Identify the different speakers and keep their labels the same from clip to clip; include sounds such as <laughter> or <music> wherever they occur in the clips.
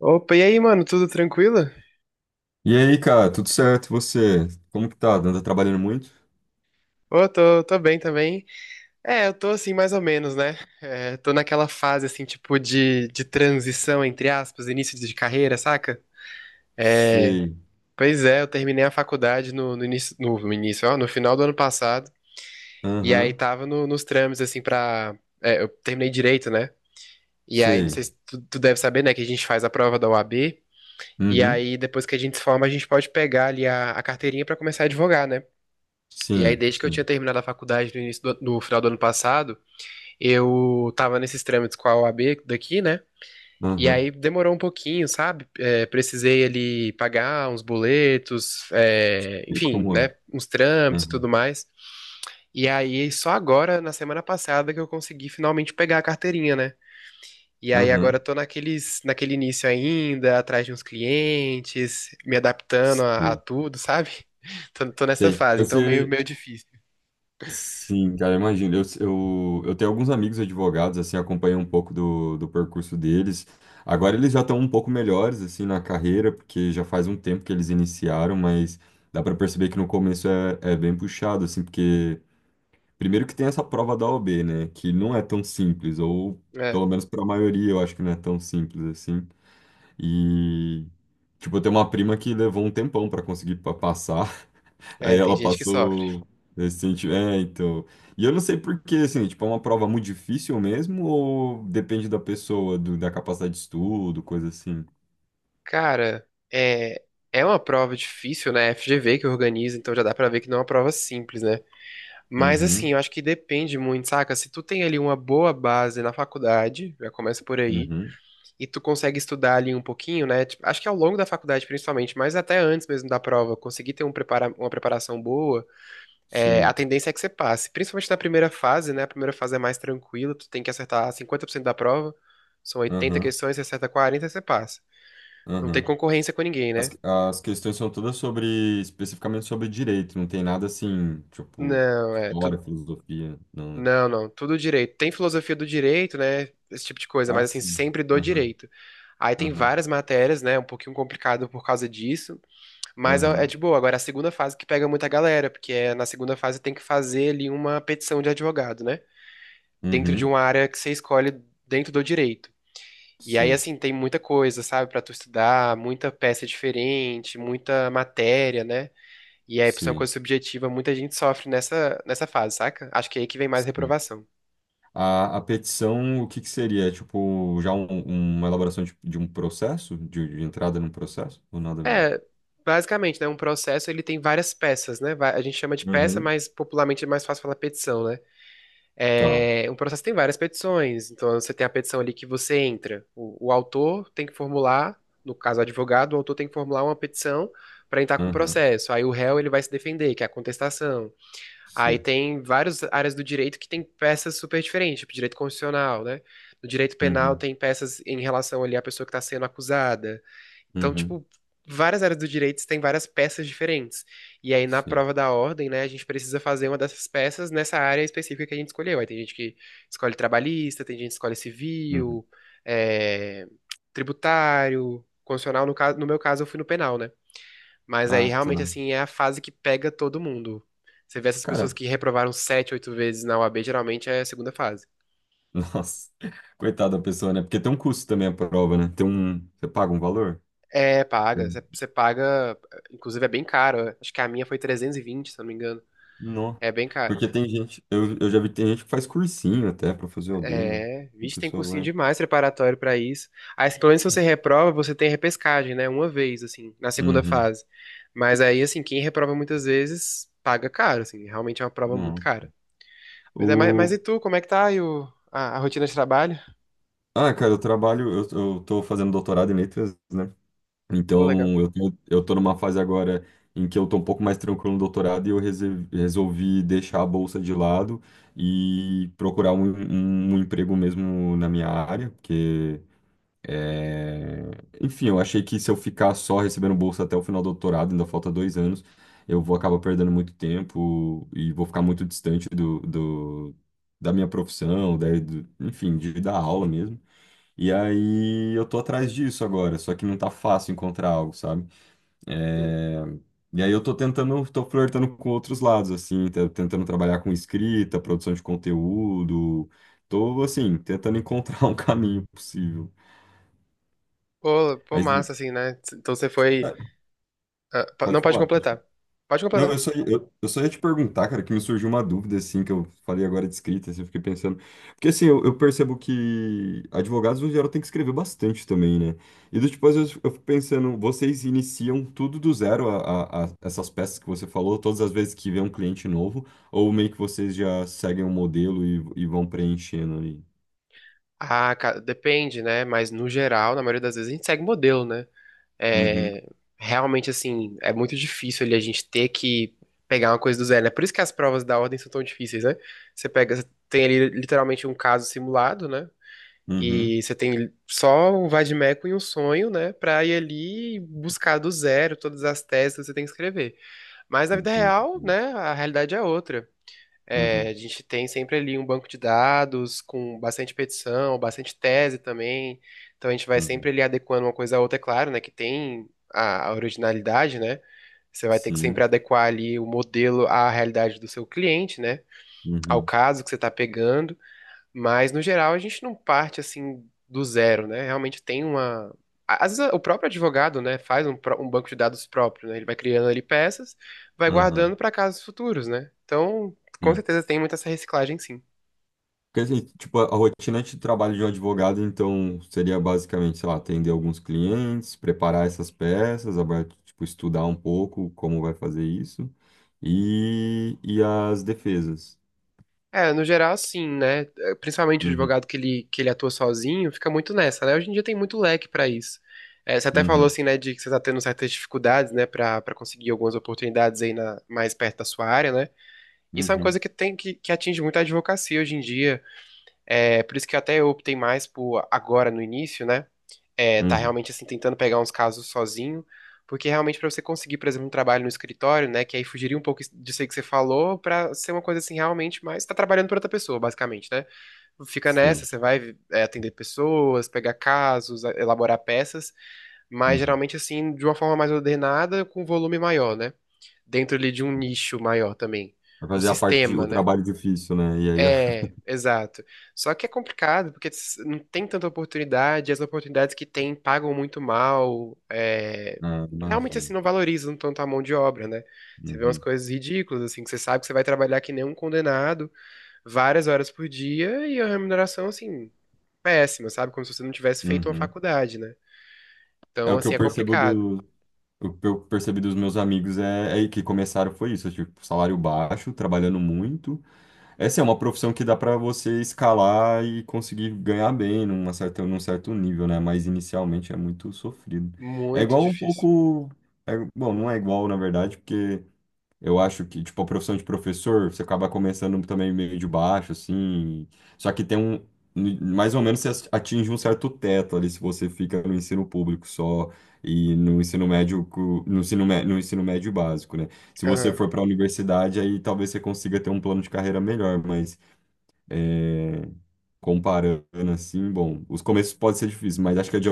Speaker 1: Opa, e aí, mano, tudo tranquilo?
Speaker 2: E aí, cara, tudo certo? E você? Como que tá? Anda trabalhando muito?
Speaker 1: Ô, tô bem também. É, eu tô assim, mais ou menos, né? É, tô naquela fase, assim, tipo, de transição, entre aspas, início de carreira, saca? É,
Speaker 2: Sei.
Speaker 1: pois é, eu terminei a faculdade no final do ano passado, e aí
Speaker 2: Aham.
Speaker 1: tava nos trâmites, assim, eu terminei direito, né? E aí, não
Speaker 2: Sei.
Speaker 1: sei se tu deve saber, né, que a gente faz a prova da OAB, e
Speaker 2: Uhum.
Speaker 1: aí, depois que a gente se forma, a gente pode pegar ali a carteirinha pra começar a advogar, né? E aí,
Speaker 2: Sim,
Speaker 1: desde que eu tinha
Speaker 2: sim.
Speaker 1: terminado a faculdade no final do ano passado, eu tava nesses trâmites com a OAB daqui, né? E
Speaker 2: Aham.
Speaker 1: aí demorou um pouquinho, sabe? É, precisei ali pagar uns boletos,
Speaker 2: Sei
Speaker 1: enfim,
Speaker 2: como é.
Speaker 1: né? Uns trâmites e
Speaker 2: Aham.
Speaker 1: tudo mais. E aí, só agora, na semana passada, que eu consegui finalmente pegar a carteirinha, né? E aí agora
Speaker 2: Aham.
Speaker 1: eu tô naquele início ainda, atrás de uns clientes, me adaptando a
Speaker 2: Sei.
Speaker 1: tudo, sabe? <laughs> Tô nessa
Speaker 2: Sei.
Speaker 1: fase,
Speaker 2: Eu
Speaker 1: então meio,
Speaker 2: sei.
Speaker 1: meio difícil.
Speaker 2: Sim, cara, imagino. Eu tenho alguns amigos advogados, assim, acompanho um pouco do percurso deles. Agora eles já estão um pouco melhores, assim, na carreira, porque já faz um tempo que eles iniciaram, mas dá para perceber que no começo é bem puxado, assim, porque primeiro que tem essa prova da OAB, né? Que não é tão simples, ou
Speaker 1: É.
Speaker 2: pelo menos para a maioria eu acho que não é tão simples assim. E, tipo, eu tenho uma prima que levou um tempão para conseguir passar, <laughs> aí
Speaker 1: É, tem
Speaker 2: ela
Speaker 1: gente que sofre.
Speaker 2: passou recente. É, então. E eu não sei por quê, assim, tipo, é uma prova muito difícil mesmo, ou depende da pessoa, da capacidade de estudo, coisa assim.
Speaker 1: Cara, é, é uma prova difícil, né? FGV que organiza, então já dá pra ver que não é uma prova simples, né? Mas assim,
Speaker 2: Uhum,
Speaker 1: eu acho que depende muito, saca? Se tu tem ali uma boa base na faculdade, já começa por aí,
Speaker 2: uhum,
Speaker 1: e tu consegue estudar ali um pouquinho, né? Tipo, acho que ao longo da faculdade principalmente, mas até antes mesmo da prova, conseguir ter um prepara uma preparação boa, a
Speaker 2: sim,
Speaker 1: tendência é que você passe. Principalmente na primeira fase, né? A primeira fase é mais tranquila, tu tem que acertar 50% da prova. São 80
Speaker 2: aham,
Speaker 1: questões, você acerta 40 e você passa. Não tem
Speaker 2: aham.
Speaker 1: concorrência com ninguém,
Speaker 2: As,
Speaker 1: né?
Speaker 2: as questões são todas sobre, especificamente sobre direito, não tem nada assim, tipo,
Speaker 1: Não, é
Speaker 2: história,
Speaker 1: tudo.
Speaker 2: filosofia, não, né?
Speaker 1: Não, não, tudo direito. Tem filosofia do direito, né? Esse tipo de coisa,
Speaker 2: Ah,
Speaker 1: mas assim,
Speaker 2: sim.
Speaker 1: sempre do
Speaker 2: Aham,
Speaker 1: direito. Aí tem
Speaker 2: aham,
Speaker 1: várias matérias, né? Um pouquinho complicado por causa disso, mas é
Speaker 2: aham.
Speaker 1: de boa. Agora, a segunda fase que pega muita galera, porque na segunda fase tem que fazer ali uma petição de advogado, né? Dentro de
Speaker 2: Uhum.
Speaker 1: uma área que você escolhe dentro do direito. E aí,
Speaker 2: Sim,
Speaker 1: assim, tem muita coisa, sabe, pra tu estudar, muita peça diferente, muita matéria, né? E aí, por ser uma
Speaker 2: sim,
Speaker 1: coisa subjetiva, muita gente sofre nessa fase, saca? Acho que é aí que vem mais
Speaker 2: sim.
Speaker 1: reprovação.
Speaker 2: A petição, o que que seria? É, tipo, já uma elaboração de um processo? De entrada num processo? Ou nada a ver?
Speaker 1: É, basicamente, né? Um processo, ele tem várias peças, né? A gente chama de peça,
Speaker 2: Uhum.
Speaker 1: mas popularmente é mais fácil falar petição, né?
Speaker 2: Tá.
Speaker 1: É, um processo tem várias petições. Então, você tem a petição ali que você entra. O autor tem que formular, no caso, o advogado, o autor tem que formular uma petição para entrar com o
Speaker 2: Aham,
Speaker 1: processo. Aí, o réu, ele vai se defender, que é a contestação. Aí
Speaker 2: sim.
Speaker 1: tem várias áreas do direito que tem peças super diferentes, tipo direito constitucional, né? No direito penal
Speaker 2: Uhum,
Speaker 1: tem peças em relação ali à pessoa que está sendo acusada. Então,
Speaker 2: uhum,
Speaker 1: tipo, várias áreas do direito tem várias peças diferentes. E aí na
Speaker 2: sim.
Speaker 1: prova da ordem, né, a gente precisa fazer uma dessas peças nessa área específica que a gente escolheu. Aí tem gente que escolhe trabalhista, tem gente que escolhe
Speaker 2: Uhum.
Speaker 1: civil, é, tributário, constitucional. No caso, no meu caso, eu fui no penal, né? Mas aí
Speaker 2: Ah, tá.
Speaker 1: realmente assim é a fase que pega todo mundo. Você vê essas
Speaker 2: Cara,
Speaker 1: pessoas que reprovaram sete, oito vezes na UAB, geralmente é a segunda fase.
Speaker 2: nossa, <laughs> coitada da pessoa, né? Porque tem um custo também a prova, né? Tem um. Você paga um valor?
Speaker 1: É, paga. Você paga, inclusive é bem caro. Acho que a minha foi 320 se eu não me engano.
Speaker 2: Não.
Speaker 1: É bem caro.
Speaker 2: Porque tem gente. Eu já vi que tem gente que faz cursinho até pra fazer o B né?
Speaker 1: É,
Speaker 2: E a
Speaker 1: vixe, tem
Speaker 2: pessoa
Speaker 1: cursinho
Speaker 2: vai.
Speaker 1: demais preparatório pra isso. Aí, assim, pelo menos se você reprova, você tem repescagem, né? Uma vez, assim, na segunda
Speaker 2: Uhum.
Speaker 1: fase. Mas aí, assim, quem reprova muitas vezes paga caro, assim. Realmente é uma prova muito
Speaker 2: Não.
Speaker 1: cara. Pois é, mas
Speaker 2: O...
Speaker 1: e tu, como é que tá aí a rotina de trabalho?
Speaker 2: Ah, cara, eu trabalho. Eu tô fazendo doutorado em letras, né?
Speaker 1: Pô, legal.
Speaker 2: Então, eu tô numa fase agora em que eu tô um pouco mais tranquilo no doutorado e eu resolvi deixar a bolsa de lado e procurar um emprego mesmo na minha área, porque é, enfim, eu achei que se eu ficar só recebendo bolsa até o final do doutorado, ainda falta dois anos, eu vou acabar perdendo muito tempo e vou ficar muito distante da minha profissão, da, enfim, de dar aula mesmo. E aí eu tô atrás disso agora, só que não tá fácil encontrar algo, sabe?
Speaker 1: Hum.
Speaker 2: É, e aí eu tô tentando, tô flertando com outros lados, assim, tentando trabalhar com escrita, produção de conteúdo, tô, assim, tentando encontrar <laughs> um caminho possível.
Speaker 1: Pô,
Speaker 2: Mas
Speaker 1: massa, assim, né? Então você foi. Ah, não
Speaker 2: pode
Speaker 1: pode
Speaker 2: falar.
Speaker 1: completar. Pode
Speaker 2: Não,
Speaker 1: completar.
Speaker 2: eu só ia te perguntar, cara, que me surgiu uma dúvida, assim, que eu falei agora de escrita, assim, eu fiquei pensando. Porque, assim, eu percebo que advogados, no geral, tem que escrever bastante também, né? E, do tipo, às vezes eu fico pensando, vocês iniciam tudo do zero, essas peças que você falou, todas as vezes que vê um cliente novo, ou meio que vocês já seguem um modelo e vão preenchendo ali?
Speaker 1: Ah, cara, depende, né? Mas no geral, na maioria das vezes, a gente segue modelo, né?
Speaker 2: Uhum,
Speaker 1: É, realmente, assim, é muito difícil ali a gente ter que pegar uma coisa do zero, né? Por isso que as provas da ordem são tão difíceis, né? Você tem ali literalmente um caso simulado, né?
Speaker 2: uhum.
Speaker 1: E você tem só um vade-mecum e um sonho, né? Pra ir ali e buscar do zero todas as teses que você tem que escrever. Mas na vida
Speaker 2: Entendi.
Speaker 1: real, né? A realidade é outra. É,
Speaker 2: Uhum,
Speaker 1: a gente tem sempre ali um banco de dados com bastante petição, bastante tese também. Então a gente vai sempre
Speaker 2: uhum.
Speaker 1: ali adequando uma coisa à outra, é claro, né? Que tem a originalidade, né? Você vai ter que sempre
Speaker 2: Sim.
Speaker 1: adequar ali o modelo à realidade do seu cliente, né? Ao
Speaker 2: Uhum,
Speaker 1: caso que você está pegando. Mas, no geral, a gente não parte assim do zero, né? Realmente tem uma. Às vezes, o próprio advogado, né, faz um banco de dados próprio, né? Ele vai criando ali peças, vai
Speaker 2: aham.
Speaker 1: guardando para casos futuros, né? Então, com certeza tem muita essa reciclagem, sim.
Speaker 2: Porque dizer, tipo, a rotina de trabalho de um advogado, então, seria basicamente, sei lá, atender alguns clientes, preparar essas peças, tipo, estudar um pouco como vai fazer isso, e as defesas.
Speaker 1: É, no geral, sim, né? Principalmente o
Speaker 2: Uhum,
Speaker 1: advogado que ele atua sozinho, fica muito nessa, né? Hoje em dia tem muito leque para isso. Você até falou,
Speaker 2: uhum,
Speaker 1: assim, né, de que você tá tendo certas dificuldades, né, para conseguir algumas oportunidades aí mais perto da sua área, né? Isso é uma
Speaker 2: uhum,
Speaker 1: coisa que atinge muito a advocacia hoje em dia. É, por isso que até eu optei mais por agora no início, né? É, tá
Speaker 2: uhum,
Speaker 1: realmente assim tentando pegar uns casos sozinho, porque realmente para você conseguir, por exemplo, um trabalho no escritório, né, que aí fugiria um pouco disso aí que você falou, para ser uma coisa assim realmente, mas tá trabalhando para outra pessoa, basicamente, né? Fica nessa,
Speaker 2: sei.
Speaker 1: você vai atender pessoas, pegar casos, elaborar peças, mas
Speaker 2: Uhum.
Speaker 1: geralmente assim de uma forma mais ordenada, com volume maior, né? Dentro ali de um nicho maior também,
Speaker 2: Vai
Speaker 1: um
Speaker 2: fazer a parte,
Speaker 1: sistema,
Speaker 2: o
Speaker 1: né?
Speaker 2: trabalho difícil, né? E aí, eu... <laughs>
Speaker 1: É, exato. Só que é complicado, porque não tem tanta oportunidade, as oportunidades que tem pagam muito mal,
Speaker 2: ah,
Speaker 1: realmente assim,
Speaker 2: imagino.
Speaker 1: não valorizam tanto a mão de obra, né? Você vê umas
Speaker 2: Uhum,
Speaker 1: coisas ridículas, assim, que você sabe que você vai trabalhar que nem um condenado, várias horas por dia, e a remuneração, assim, péssima, sabe? Como se você não tivesse feito uma
Speaker 2: uhum.
Speaker 1: faculdade, né?
Speaker 2: É
Speaker 1: Então,
Speaker 2: o que
Speaker 1: assim,
Speaker 2: eu
Speaker 1: é
Speaker 2: percebo
Speaker 1: complicado.
Speaker 2: do, o que eu percebi dos meus amigos é, é que começaram foi isso, tipo, salário baixo, trabalhando muito, essa é uma profissão que dá para você escalar e conseguir ganhar bem numa certa, num certo nível, né? Mas inicialmente é muito sofrido. É
Speaker 1: Muito
Speaker 2: igual um
Speaker 1: difícil.
Speaker 2: pouco. Bom, não é igual, na verdade, porque eu acho que, tipo, a profissão de professor, você acaba começando também meio de baixo, assim. Só que tem um. Mais ou menos você atinge um certo teto ali se você fica no ensino público só e no ensino médio, no ensino, no ensino médio básico, né? Se você
Speaker 1: Aham.
Speaker 2: for para a universidade, aí talvez você consiga ter um plano de carreira melhor, mas é, comparando assim, bom, os começos podem ser difíceis, mas acho que a,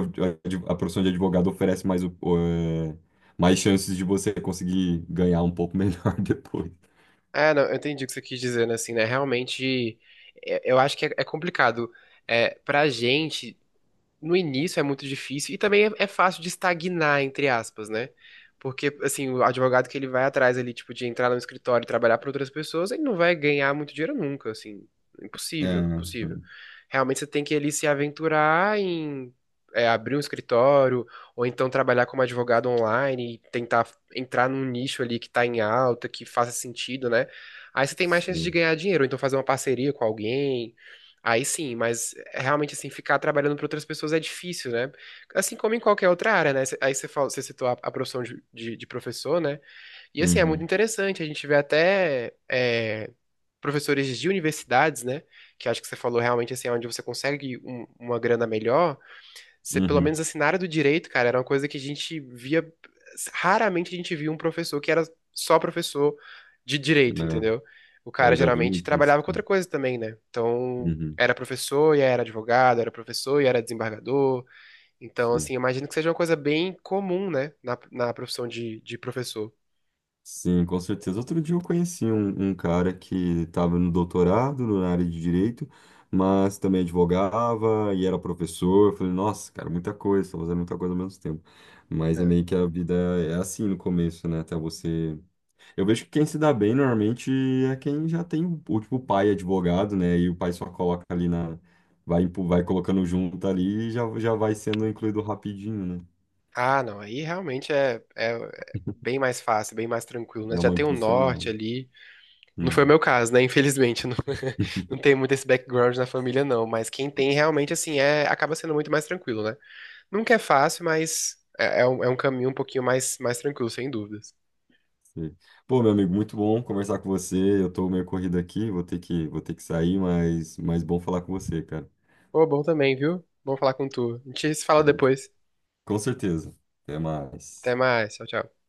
Speaker 2: a profissão de advogado oferece mais, é, mais chances de você conseguir ganhar um pouco melhor <laughs> depois.
Speaker 1: É, não, eu entendi o que você quis dizer, né? Assim, né? Realmente, eu acho que é complicado. É, pra gente. No início é muito difícil e também é fácil de estagnar, entre aspas, né? Porque, assim, o advogado que ele vai atrás ali, tipo, de entrar no escritório e trabalhar para outras pessoas, ele não vai ganhar muito dinheiro nunca, assim. Impossível,
Speaker 2: É,
Speaker 1: impossível. Realmente você tem que ali se aventurar em abrir um escritório, ou então trabalhar como advogado online e tentar entrar num nicho ali que tá em alta, que faça sentido, né? Aí você tem mais chance de
Speaker 2: sim.
Speaker 1: ganhar dinheiro, ou então fazer uma parceria com alguém. Aí sim, mas é realmente assim, ficar trabalhando para outras pessoas é difícil, né? Assim como em qualquer outra área, né? Aí você falou, você citou a profissão de professor, né? E assim, é muito
Speaker 2: Uhum,
Speaker 1: interessante, a gente vê até professores de universidades, né? Que acho que você falou realmente assim, é onde você consegue uma grana melhor, você, pelo
Speaker 2: uhum.
Speaker 1: menos assim, na área do direito, cara, era uma coisa que a gente via. Raramente a gente via um professor que era só professor de
Speaker 2: É,
Speaker 1: direito, entendeu? O
Speaker 2: eu
Speaker 1: cara
Speaker 2: já vi
Speaker 1: geralmente
Speaker 2: muito isso.
Speaker 1: trabalhava com outra
Speaker 2: Sim.
Speaker 1: coisa também, né? Então,
Speaker 2: Uhum,
Speaker 1: era professor e era advogado, era professor e era desembargador. Então,
Speaker 2: sim.
Speaker 1: assim, imagino que seja uma coisa bem comum, né? Na profissão de professor.
Speaker 2: Sim, com certeza. Outro dia eu conheci um cara que estava no doutorado na área de direito, mas também advogava e era professor. Eu falei, nossa, cara, muita coisa, estou fazendo muita coisa ao mesmo tempo. Mas é
Speaker 1: É.
Speaker 2: meio que a vida é assim no começo, né? Até você eu vejo que quem se dá bem normalmente é quem já tem o tipo pai advogado, né? E o pai só coloca ali na. Vai, vai colocando junto ali e já, já vai sendo incluído rapidinho, né?
Speaker 1: Ah, não, aí realmente é bem mais fácil, bem mais tranquilo, né?
Speaker 2: Dá
Speaker 1: Já
Speaker 2: uma
Speaker 1: tem um norte
Speaker 2: impulsionada.
Speaker 1: ali. Não foi o
Speaker 2: Hum,
Speaker 1: meu caso, né? Infelizmente, não, <laughs>
Speaker 2: <laughs>
Speaker 1: não tem muito esse background na família, não. Mas quem tem realmente, assim, acaba sendo muito mais tranquilo, né? Nunca é fácil, mas é um caminho um pouquinho mais tranquilo, sem dúvidas.
Speaker 2: sei. Pô, meu amigo, muito bom conversar com você. Eu tô meio corrido aqui, vou ter que sair, mas bom falar com você, cara.
Speaker 1: Pô, bom também, viu? Bom falar com tu. A gente se
Speaker 2: A
Speaker 1: fala
Speaker 2: gente-
Speaker 1: depois.
Speaker 2: com certeza. Até
Speaker 1: Até
Speaker 2: mais.
Speaker 1: mais. Tchau, tchau.